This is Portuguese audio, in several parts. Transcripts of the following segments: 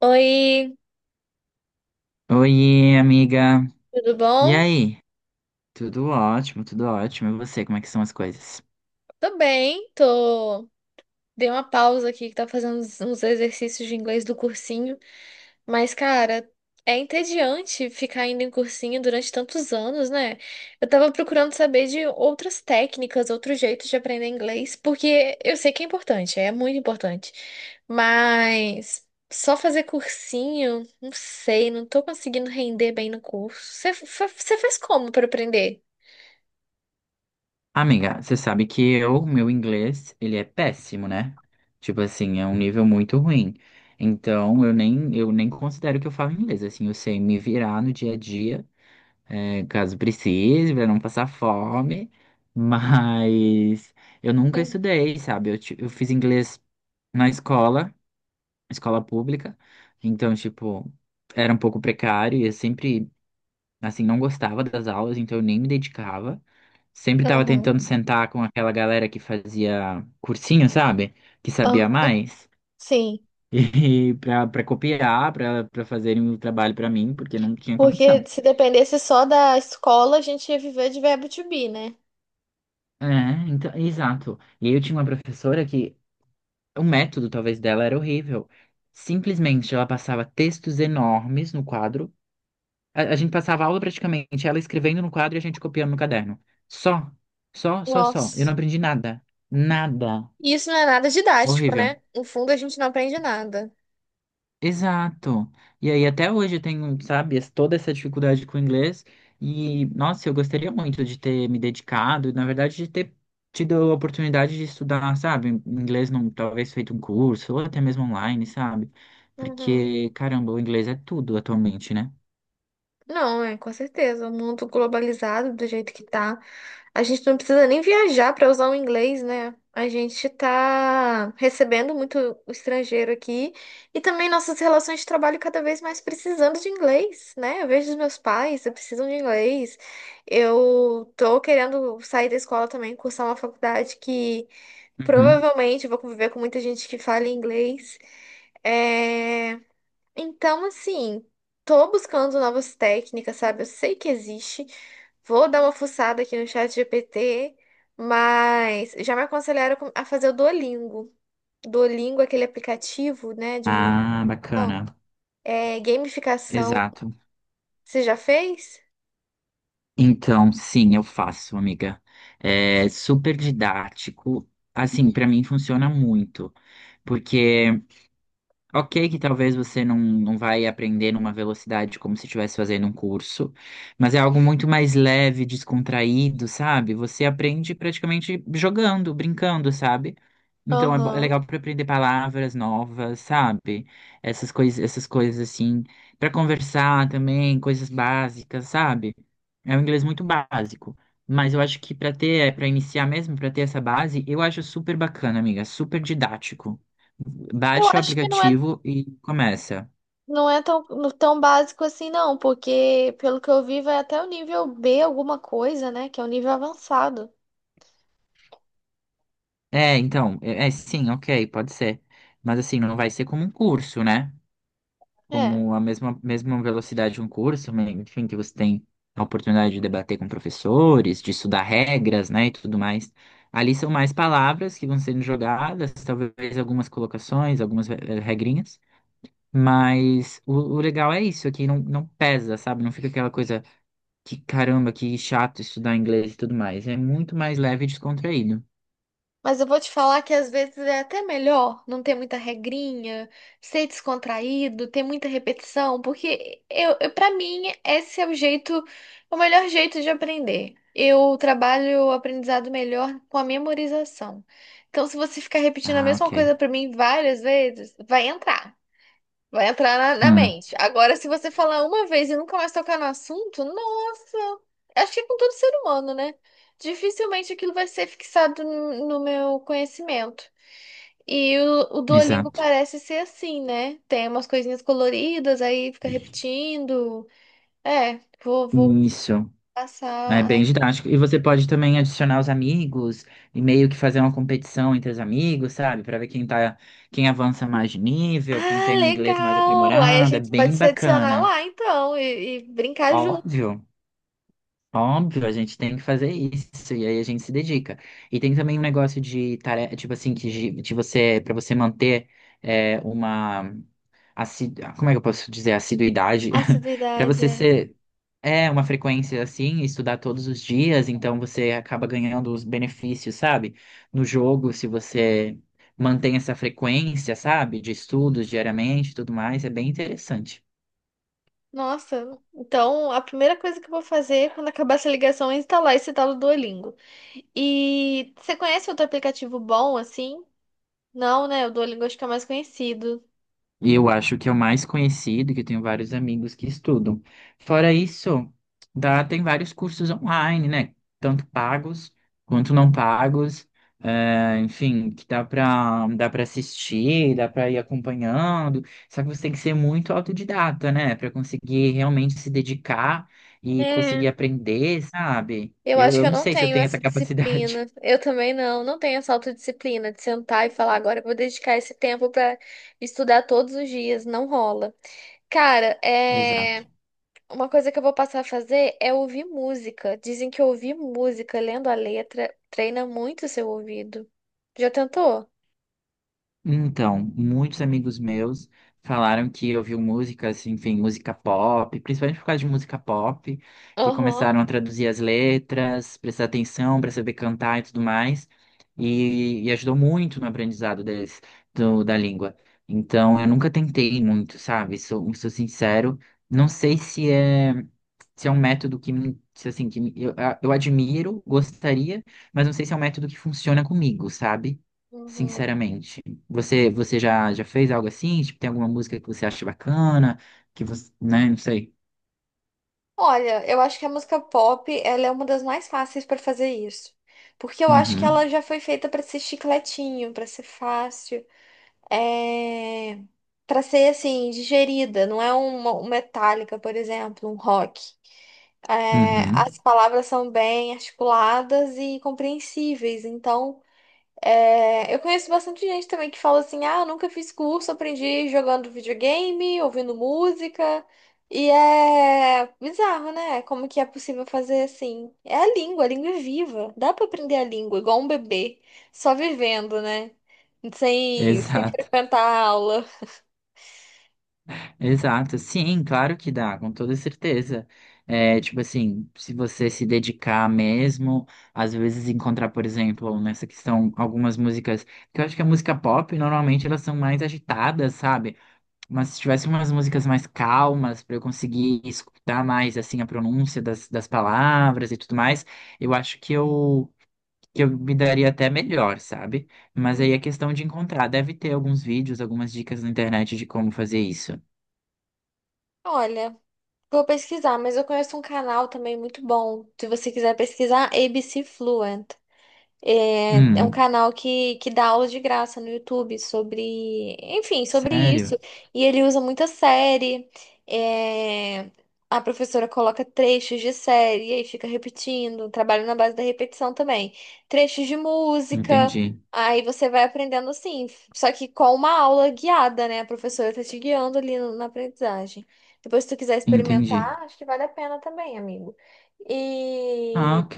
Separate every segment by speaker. Speaker 1: Oi,
Speaker 2: Oiê, amiga.
Speaker 1: tudo
Speaker 2: E
Speaker 1: bom?
Speaker 2: aí? Tudo ótimo, tudo ótimo. E você, como é que são as coisas?
Speaker 1: Tô bem, tô. Dei uma pausa aqui que tá fazendo uns exercícios de inglês do cursinho, mas, cara, é entediante ficar indo em cursinho durante tantos anos, né? Eu tava procurando saber de outras técnicas, outros jeitos de aprender inglês, porque eu sei que é importante, é muito importante, mas só fazer cursinho, não sei, não tô conseguindo render bem no curso. Você faz como pra aprender?
Speaker 2: Amiga, você sabe que meu inglês, ele é péssimo, né? Tipo assim, é um nível muito ruim. Então, eu nem considero que eu falo inglês. Assim, eu sei me virar no dia a dia, caso precise, pra não passar fome. Mas eu nunca
Speaker 1: Hum.
Speaker 2: estudei, sabe? Eu fiz inglês na escola, escola pública. Então, tipo, era um pouco precário e eu sempre, assim, não gostava das aulas, então eu nem me dedicava. Sempre estava
Speaker 1: Aham.
Speaker 2: tentando sentar com aquela galera que fazia cursinho, sabe? Que sabia mais.
Speaker 1: Sim,
Speaker 2: E para copiar, para fazerem o trabalho para mim, porque não tinha
Speaker 1: porque
Speaker 2: condição.
Speaker 1: se dependesse só da escola, a gente ia viver de verbo to be, né?
Speaker 2: É, então, exato. E aí eu tinha uma professora que o método talvez dela era horrível. Simplesmente ela passava textos enormes no quadro. A gente passava a aula praticamente, ela escrevendo no quadro e a gente copiando no caderno. Só, só, só, só. Eu não
Speaker 1: Nossa.
Speaker 2: aprendi nada. Nada.
Speaker 1: E isso não é nada didático,
Speaker 2: Horrível.
Speaker 1: né? No fundo, a gente não aprende nada.
Speaker 2: Exato. E aí, até hoje eu tenho, sabe, toda essa dificuldade com o inglês. E, nossa, eu gostaria muito de ter me dedicado, na verdade, de ter tido a oportunidade de estudar, sabe, inglês, talvez feito um curso, ou até mesmo online, sabe?
Speaker 1: Uhum.
Speaker 2: Porque, caramba, o inglês é tudo atualmente, né?
Speaker 1: Não, é com certeza. O mundo globalizado do jeito que tá, a gente não precisa nem viajar para usar o inglês, né? A gente tá recebendo muito o estrangeiro aqui e também nossas relações de trabalho cada vez mais precisando de inglês, né? Eu vejo os meus pais, eu preciso de inglês. Eu tô querendo sair da escola também, cursar uma faculdade que
Speaker 2: Uhum.
Speaker 1: provavelmente eu vou conviver com muita gente que fala inglês. É... Então, assim, tô buscando novas técnicas, sabe? Eu sei que existe. Vou dar uma fuçada aqui no chat GPT, mas já me aconselharam a fazer o Duolingo. Duolingo, é aquele aplicativo, né, de
Speaker 2: Ah,
Speaker 1: memorização,
Speaker 2: bacana.
Speaker 1: é gamificação.
Speaker 2: Exato.
Speaker 1: Você já fez?
Speaker 2: Então, sim, eu faço, amiga. É super didático. Assim, para mim funciona muito, porque, ok, que talvez você não vai aprender numa velocidade como se estivesse fazendo um curso, mas é algo muito mais leve, descontraído, sabe? Você aprende praticamente jogando, brincando, sabe? Então é
Speaker 1: Aham.
Speaker 2: legal para aprender palavras novas, sabe? Essas coisas assim, para conversar também, coisas básicas, sabe? É um inglês muito básico, mas eu acho que para iniciar mesmo, para ter essa base, eu acho super bacana, amiga, super didático.
Speaker 1: Eu
Speaker 2: Baixa o
Speaker 1: acho que não é,
Speaker 2: aplicativo e começa.
Speaker 1: não é tão, tão básico assim, não, porque pelo que eu vi, vai até o nível B, alguma coisa, né? Que é o nível avançado.
Speaker 2: É, então, é, sim, ok, pode ser. Mas assim, não vai ser como um curso, né?
Speaker 1: É.
Speaker 2: Como a mesma velocidade de um curso, mas, enfim, que você tem a oportunidade de debater com professores, de estudar regras, né, e tudo mais. Ali são mais palavras que vão sendo jogadas, talvez algumas colocações, algumas regrinhas. Mas o legal é isso, aqui não pesa, sabe? Não fica aquela coisa. Que caramba, que chato estudar inglês e tudo mais. É muito mais leve e descontraído.
Speaker 1: Mas eu vou te falar que às vezes é até melhor não ter muita regrinha, ser descontraído, ter muita repetição, porque eu para mim esse é o jeito, o melhor jeito de aprender. Eu trabalho o aprendizado melhor com a memorização. Então, se você ficar repetindo a
Speaker 2: Ah,
Speaker 1: mesma
Speaker 2: ok.
Speaker 1: coisa para mim várias vezes, vai entrar. Vai entrar na
Speaker 2: Hum,
Speaker 1: mente. Agora, se você falar uma vez e nunca mais tocar no assunto, nossa! Acho que é com todo ser humano, né? Dificilmente aquilo vai ser fixado no meu conhecimento. E o Duolingo
Speaker 2: exato.
Speaker 1: parece ser assim, né? Tem umas coisinhas coloridas, aí fica repetindo. É, vou
Speaker 2: Isso. É bem
Speaker 1: passar.
Speaker 2: didático. E você pode também adicionar os amigos e meio que fazer uma competição entre os amigos, sabe? Pra ver quem avança mais de nível, quem
Speaker 1: Ah,
Speaker 2: tem o inglês mais
Speaker 1: legal! Aí a
Speaker 2: aprimorado. É
Speaker 1: gente pode
Speaker 2: bem
Speaker 1: se adicionar
Speaker 2: bacana.
Speaker 1: lá, então, e brincar junto.
Speaker 2: Óbvio. Óbvio, a gente tem que fazer isso e aí a gente se dedica. E tem também um negócio de tarefa, tipo assim, que de você, para você manter é, uma assi- como é que eu posso dizer, assiduidade, para
Speaker 1: Assiduidade,
Speaker 2: você
Speaker 1: é.
Speaker 2: ser é uma frequência assim, estudar todos os dias, então você acaba ganhando os benefícios, sabe? No jogo, se você mantém essa frequência, sabe, de estudos diariamente, e tudo mais, é bem interessante.
Speaker 1: Nossa, então a primeira coisa que eu vou fazer quando acabar essa ligação é instalar esse tal do Duolingo. E você conhece outro aplicativo bom assim? Não, né? O Duolingo acho que é o mais conhecido.
Speaker 2: E eu acho que é o mais conhecido, que eu tenho vários amigos que estudam. Fora isso, tem vários cursos online, né? Tanto pagos quanto não pagos. Enfim, que dá para assistir, dá para ir acompanhando. Só que você tem que ser muito autodidata, né? Para conseguir realmente se dedicar e
Speaker 1: É,
Speaker 2: conseguir aprender, sabe?
Speaker 1: eu
Speaker 2: Eu,
Speaker 1: acho que
Speaker 2: eu
Speaker 1: eu
Speaker 2: não
Speaker 1: não
Speaker 2: sei se eu
Speaker 1: tenho
Speaker 2: tenho essa
Speaker 1: essa
Speaker 2: capacidade.
Speaker 1: disciplina. Eu também não, não tenho essa autodisciplina de sentar e falar, agora eu vou dedicar esse tempo pra estudar todos os dias. Não rola. Cara,
Speaker 2: Exato.
Speaker 1: é. Uma coisa que eu vou passar a fazer é ouvir música. Dizem que ouvir música lendo a letra treina muito o seu ouvido. Já tentou?
Speaker 2: Então, muitos amigos meus falaram que ouviu música, assim, enfim, música pop, principalmente por causa de música pop, que
Speaker 1: Aham.
Speaker 2: começaram a traduzir as letras, prestar atenção para saber cantar e tudo mais, e ajudou muito no aprendizado deles, da língua. Então, eu nunca tentei muito, sabe? Sou sincero, não sei se é um método que, me- se, assim, que me- eu admiro, gostaria, mas não sei se é um método que funciona comigo, sabe?
Speaker 1: Uhum.
Speaker 2: Sinceramente. Você já fez algo assim? Tipo, tem alguma música que você acha bacana? Que você, né? Não sei.
Speaker 1: Olha, eu acho que a música pop, ela é uma das mais fáceis para fazer isso. Porque eu acho que
Speaker 2: Uhum,
Speaker 1: ela já foi feita para ser chicletinho, para ser fácil, é... para ser assim, digerida, não é uma, um Metallica, por exemplo, um rock. É,
Speaker 2: uhum.
Speaker 1: as palavras são bem articuladas e compreensíveis, então é, eu conheço bastante gente também que fala assim: ah, eu nunca fiz curso, aprendi jogando videogame, ouvindo música. E é bizarro, né? Como que é possível fazer assim? É a língua é viva. Dá pra aprender a língua, igual um bebê, só vivendo, né? Sem, sem
Speaker 2: Exato,
Speaker 1: frequentar a aula.
Speaker 2: exato. Sim, claro que dá, com toda certeza. É, tipo assim, se você se dedicar mesmo, às vezes encontrar, por exemplo, nessa questão, algumas músicas, que eu acho que a música pop, normalmente elas são mais agitadas, sabe? Mas se tivesse umas músicas mais calmas, para eu conseguir escutar mais assim a pronúncia das palavras e tudo mais, eu acho que eu me daria até melhor, sabe? Mas aí
Speaker 1: Hum.
Speaker 2: é questão de encontrar. Deve ter alguns vídeos, algumas dicas na internet de como fazer isso.
Speaker 1: Olha, vou pesquisar, mas eu conheço um canal também muito bom. Se você quiser pesquisar, ABC Fluent. É, é um
Speaker 2: Hum,
Speaker 1: canal que dá aulas de graça no YouTube sobre, enfim, sobre isso.
Speaker 2: sério?
Speaker 1: E ele usa muita série. É, a professora coloca trechos de série e aí fica repetindo. Trabalho na base da repetição também. Trechos de música.
Speaker 2: Entendi,
Speaker 1: Aí você vai aprendendo assim, só que com uma aula guiada, né? A professora tá te guiando ali na aprendizagem. Depois, se tu quiser experimentar,
Speaker 2: entendi.
Speaker 1: acho que vale a pena também, amigo.
Speaker 2: Ah,
Speaker 1: E
Speaker 2: ok.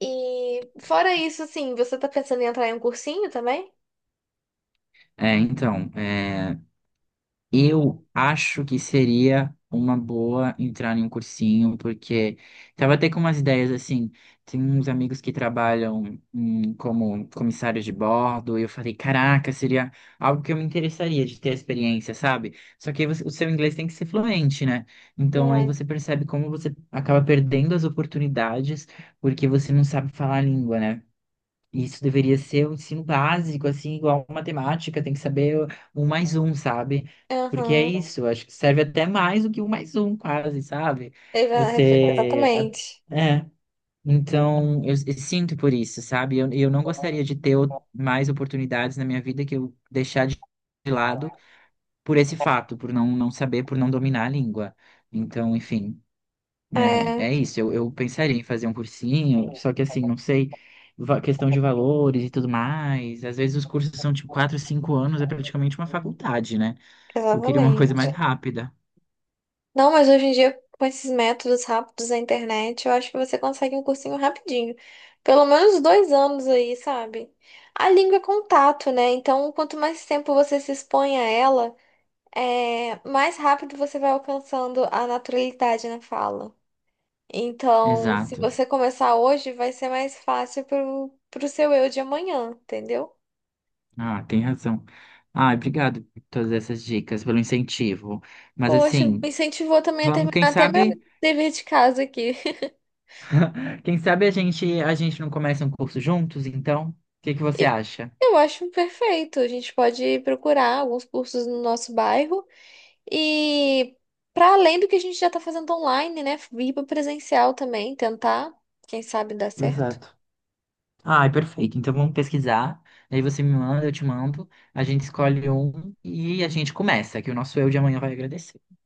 Speaker 1: fora isso, assim, você tá pensando em entrar em um cursinho também?
Speaker 2: É, então, é. Eu acho que seria uma boa entrar em um cursinho, porque tava até com umas ideias assim. Tem uns amigos que trabalham como comissários de bordo, e eu falei, caraca, seria algo que eu me interessaria de ter a experiência, sabe? Só que aí o seu inglês tem que ser fluente, né? Então aí
Speaker 1: É.
Speaker 2: você percebe como você acaba perdendo as oportunidades porque você não sabe falar a língua, né? Isso deveria ser um ensino básico, assim, igual matemática, tem que saber um mais um, sabe? Porque é
Speaker 1: Aham.
Speaker 2: isso, acho que serve até mais do que um mais um, quase, sabe?
Speaker 1: Exa-
Speaker 2: Você. a-
Speaker 1: Exatamente.
Speaker 2: É. Então, eu sinto por isso, sabe? Eu não gostaria de ter mais oportunidades na minha vida que eu deixar de lado por esse fato, por não saber, por não dominar a língua. Então, enfim. É,
Speaker 1: É,
Speaker 2: é isso, eu pensaria em fazer um cursinho, só que assim, não sei, questão de valores e tudo mais. Às vezes os cursos são tipo 4, 5 anos, é praticamente uma faculdade, né? Eu queria uma coisa mais
Speaker 1: exatamente.
Speaker 2: rápida.
Speaker 1: Não, mas hoje em dia, com esses métodos rápidos da internet, eu acho que você consegue um cursinho rapidinho. Pelo menos 2 anos aí, sabe? A língua é contato, né? Então, quanto mais tempo você se expõe a ela, é, mais rápido você vai alcançando a naturalidade na fala. Então, se
Speaker 2: Exato.
Speaker 1: você começar hoje, vai ser mais fácil pro seu eu de amanhã, entendeu?
Speaker 2: Ah, tem razão. Ah, obrigado por todas essas dicas, pelo incentivo. Mas
Speaker 1: Poxa, me
Speaker 2: assim,
Speaker 1: incentivou também a
Speaker 2: vamos,
Speaker 1: terminar
Speaker 2: quem
Speaker 1: até meu
Speaker 2: sabe,
Speaker 1: dever de casa aqui.
Speaker 2: quem sabe a gente não começa um curso juntos, então? O que que você
Speaker 1: E
Speaker 2: acha?
Speaker 1: eu acho perfeito. A gente pode procurar alguns cursos no nosso bairro e para além do que a gente já está fazendo online, né? Ir para presencial também, tentar, quem sabe dá certo.
Speaker 2: Exato. Ah, perfeito. Então vamos pesquisar. Aí você me manda, eu te mando. A gente escolhe um e a gente começa, que o nosso eu de amanhã vai agradecer.